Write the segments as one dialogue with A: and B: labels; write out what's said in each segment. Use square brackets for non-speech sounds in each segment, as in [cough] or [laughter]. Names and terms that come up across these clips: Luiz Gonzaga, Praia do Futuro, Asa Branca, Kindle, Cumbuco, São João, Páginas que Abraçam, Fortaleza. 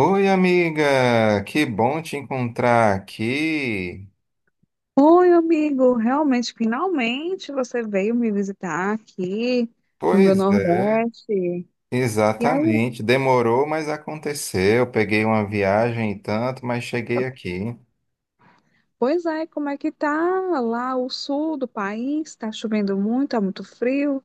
A: Oi, amiga, que bom te encontrar aqui.
B: Oi, amigo. Realmente, finalmente você veio me visitar aqui no meu
A: Pois é,
B: Nordeste. E aí,
A: exatamente. Demorou, mas aconteceu. Peguei uma viagem e tanto, mas cheguei aqui.
B: pois é, como é que tá lá o sul do país? Tá chovendo muito, tá muito frio.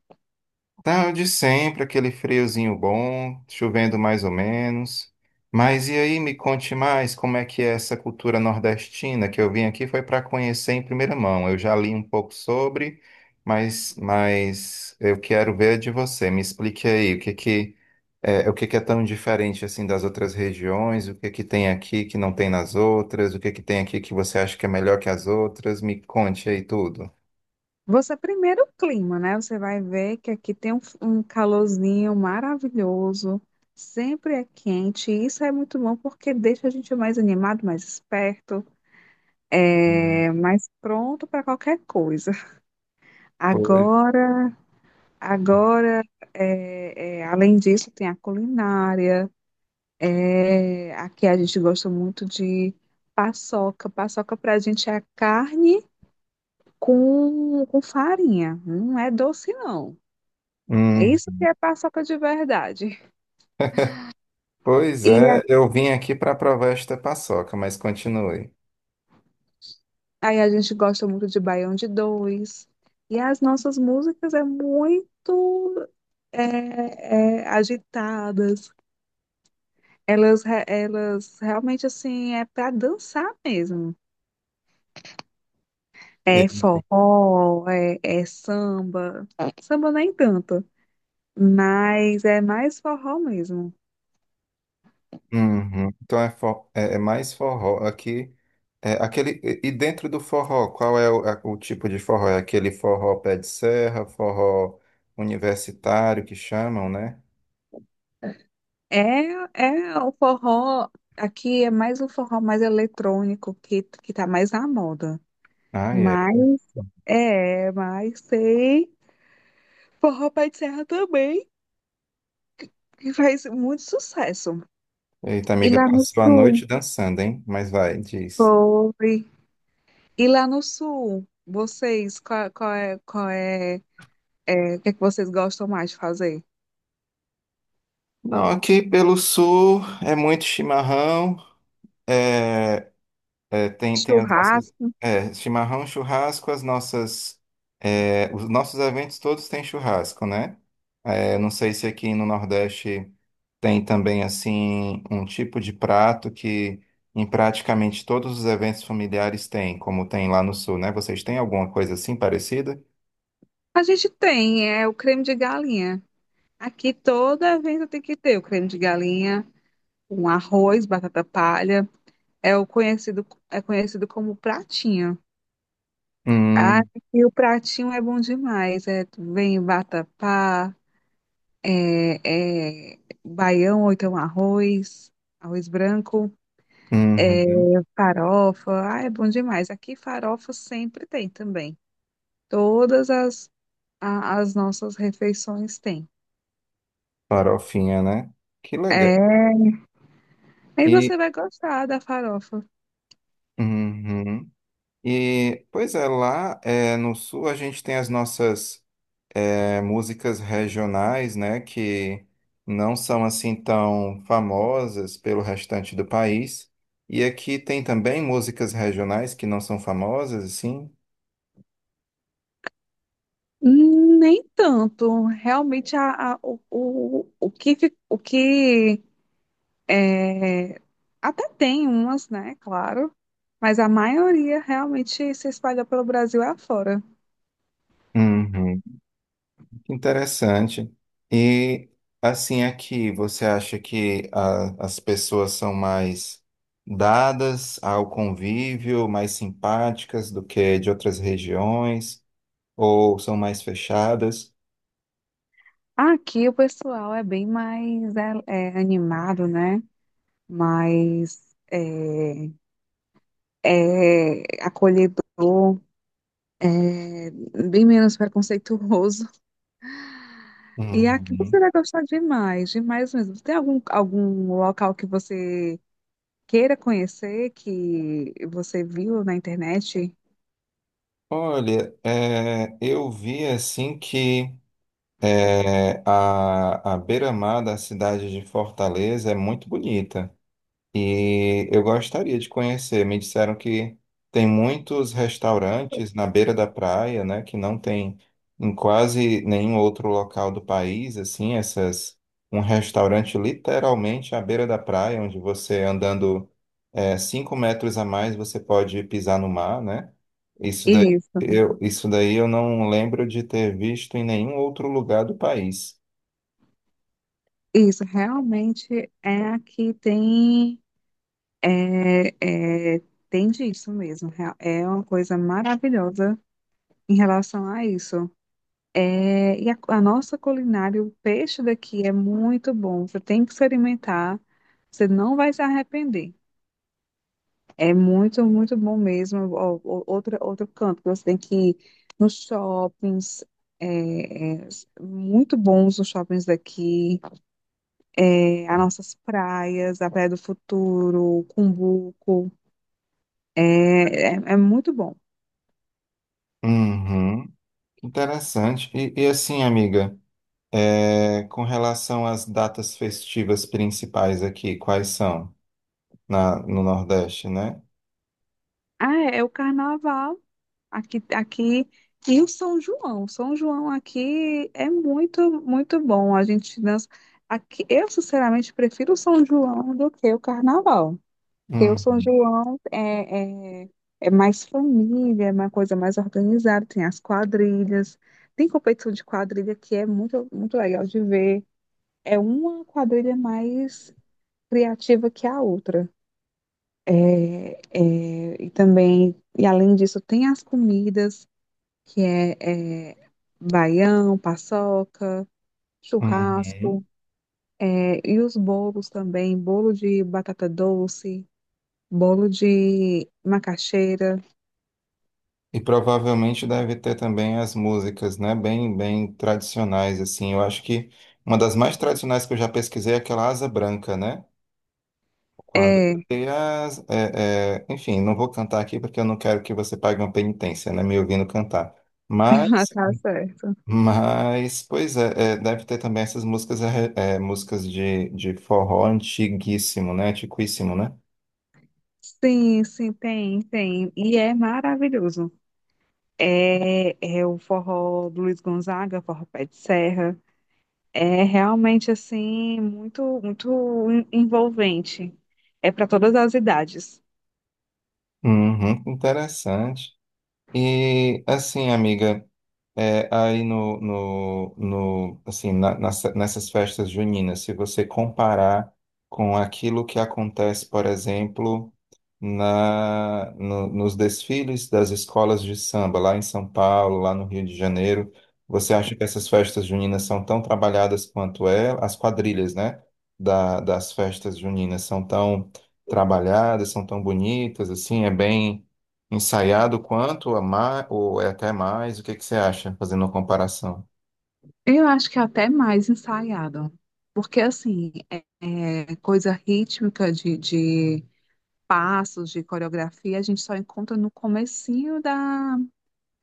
A: Tá de sempre, aquele friozinho bom, chovendo mais ou menos. Mas e aí, me conte mais como é que é essa cultura nordestina que eu vim aqui foi para conhecer em primeira mão. Eu já li um pouco sobre, mas eu quero ver de você. Me explique aí o que que é, o que que é tão diferente assim das outras regiões, o que que tem aqui que não tem nas outras, o que que tem aqui que você acha que é melhor que as outras. Me conte aí tudo.
B: Você primeiro o clima, né? Você vai ver que aqui tem um calorzinho maravilhoso. Sempre é quente. E isso é muito bom porque deixa a gente mais animado, mais esperto, mais pronto para qualquer coisa.
A: Pois.
B: Agora Agora, além disso, tem a culinária. É, aqui a gente gosta muito de paçoca. Paçoca para a gente é a carne com farinha. Não é doce, não. É isso que é paçoca de verdade.
A: Pois
B: E a-
A: é, eu vim aqui para provar esta paçoca, mas continue.
B: Aí a gente gosta muito de Baião de Dois. E as nossas músicas é muito agitadas. Elas realmente assim é para dançar mesmo. É
A: E-
B: forró, é samba. Samba nem tanto, mas é mais forró mesmo.
A: Uhum. Então é mais forró aqui. É aquele, e dentro do forró, qual é o tipo de forró? É aquele forró pé de serra, forró universitário que chamam, né?
B: É, é o forró, aqui é mais o forró mais eletrônico que tá mais na moda.
A: Ah, é.
B: Mas é, mas tem forró pé de serra também, que faz muito sucesso.
A: Eita,
B: E
A: amiga,
B: lá no
A: passou a
B: sul,
A: noite dançando, hein? Mas vai, diz.
B: foi. E lá no sul, vocês, o que é que vocês gostam mais de fazer?
A: Não, aqui pelo sul é muito chimarrão. É... É, tem as nossas.
B: Churrasco?
A: É, chimarrão, churrasco, as nossas. É, os nossos eventos todos têm churrasco, né? É, não sei se aqui no Nordeste tem também, assim, um tipo de prato que em praticamente todos os eventos familiares tem, como tem lá no Sul, né? Vocês têm alguma coisa assim parecida?
B: A gente tem, é o creme de galinha. Aqui todo evento tem que ter o creme de galinha, um arroz, batata palha, é conhecido como pratinho. Ah,
A: Hum,
B: e o pratinho é bom demais, é, vem vatapá, é, é baião ou então arroz, arroz branco. É,
A: uhum.
B: farofa, ah, é bom demais. Aqui farofa sempre tem também. Todas as, as nossas refeições têm.
A: Farofinha, né? Que legal.
B: É, aí
A: E.
B: você vai gostar da farofa.
A: Uhum. E, pois é, lá no sul a gente tem as nossas músicas regionais, né, que não são assim tão famosas pelo restante do país. E aqui tem também músicas regionais que não são famosas, assim.
B: Nem tanto. Realmente o que é, até tem umas, né? Claro. Mas a maioria realmente se espalha pelo Brasil afora.
A: Uhum. Interessante. E assim aqui, você acha que as pessoas são mais dadas ao convívio, mais simpáticas do que de outras regiões, ou são mais fechadas?
B: Aqui o pessoal é bem mais animado, né? Mais. Acolhedor, é, bem menos preconceituoso. E aqui você
A: Uhum.
B: vai gostar demais, demais mesmo. Tem algum local que você queira conhecer, que você viu na internet?
A: Olha, é, eu vi assim que a beira-mar da cidade de Fortaleza é muito bonita. E eu gostaria de conhecer. Me disseram que tem muitos restaurantes na beira da praia, né, que não tem em quase nenhum outro local do país, assim, essas, um restaurante literalmente à beira da praia, onde você andando cinco metros a mais você pode pisar no mar, né? Isso daí
B: Isso,
A: isso daí eu não lembro de ter visto em nenhum outro lugar do país.
B: isso, realmente é aqui tem, é, é, tem disso mesmo. É uma coisa maravilhosa em relação a isso. É, e a nossa culinária, o peixe daqui é muito bom. Você tem que experimentar. Você não vai se arrepender. É muito, muito bom mesmo. Ó, ó, outro canto que você tem que ir nos shoppings. Muito bons os shoppings daqui. É, as nossas praias, a Praia do Futuro, Cumbuco. É, é muito bom.
A: Uhum, interessante. E assim, amiga. É, com relação às datas festivas principais aqui, quais são no Nordeste, né?
B: Ah, é é o carnaval. Aqui e o São João. São João aqui é muito, muito bom. A gente dança. Aqui, eu, sinceramente, prefiro o São João do que o Carnaval. Porque o São
A: Uhum.
B: João é mais família, é uma coisa mais organizada. Tem as quadrilhas, tem competição de quadrilha que é muito, muito legal de ver. É uma quadrilha mais criativa que a outra. E também, e além disso, tem as comidas que é baião, paçoca, churrasco,
A: Uhum.
B: é, e os bolos também, bolo de batata doce, bolo de macaxeira.
A: E provavelmente deve ter também as músicas, né? Bem, bem tradicionais, assim. Eu acho que uma das mais tradicionais que eu já pesquisei é aquela Asa Branca, né? Quando
B: É,
A: tem as, enfim, não vou cantar aqui porque eu não quero que você pague uma penitência, né? Me ouvindo cantar.
B: [laughs]
A: Mas
B: tá certo.
A: Mas, pois é, é, deve ter também essas músicas, músicas de forró antiguíssimo, né? Antiquíssimo, né?
B: Sim, sim, tem, tem. E é maravilhoso. É o forró do Luiz Gonzaga, forró Pé de Serra. É realmente assim muito muito en- envolvente. É para todas as idades.
A: Uhum, interessante. E, assim, amiga. É, aí no assim, nessas festas juninas, se você comparar com aquilo que acontece, por exemplo, na, no- nos desfiles das escolas de samba, lá em São Paulo, lá no Rio de Janeiro, você acha que essas festas juninas são tão trabalhadas quanto é? As quadrilhas, né, das festas juninas são tão trabalhadas, são tão bonitas, assim, é bem ensaiado quanto a mais, ou é até mais, o que que você acha, fazendo uma comparação?
B: Eu acho que é até mais ensaiado, porque assim, é, é coisa rítmica de passos, de coreografia, a gente só encontra no comecinho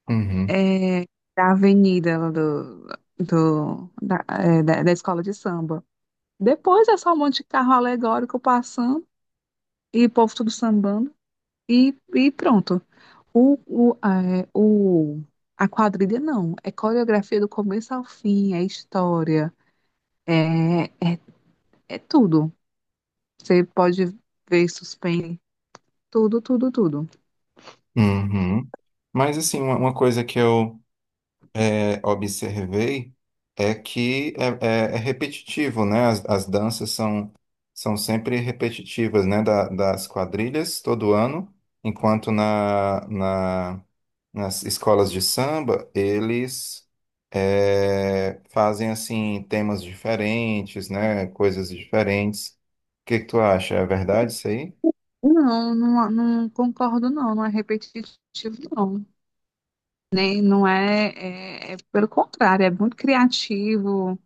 A: Uhum,
B: é, da avenida da escola de samba. Depois é só um monte de carro alegórico passando e o povo tudo sambando e pronto. O, o, é, o, a quadrilha não, é coreografia do começo ao fim, é história. é, é tudo. Você pode ver suspense, tudo, tudo, tudo.
A: uhum. Mas assim, uma coisa que eu observei é que é, é repetitivo, né? As danças são, são sempre repetitivas, né? Das quadrilhas todo ano, enquanto nas escolas de samba eles fazem assim temas diferentes, né? Coisas diferentes. O que que tu acha? É verdade isso aí?
B: Não, não, não concordo, não. Não é repetitivo, não. É pelo contrário, é muito criativo,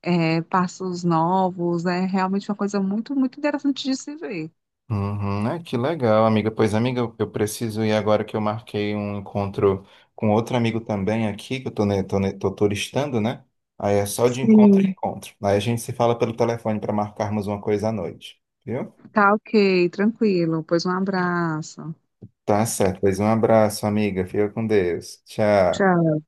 B: é, passos novos, é realmente uma coisa muito, muito interessante de se ver.
A: Uhum, é, que legal, amiga. Pois, amiga, eu preciso ir agora que eu marquei um encontro com outro amigo também aqui, que eu tô turistando, né? Aí é só de encontro em
B: Sim.
A: encontro. Aí a gente se fala pelo telefone para marcarmos uma coisa à noite, viu?
B: Tá ok, tranquilo. Pois um abraço.
A: Tá certo. Pois um abraço, amiga. Fica com Deus. Tchau.
B: Tchau.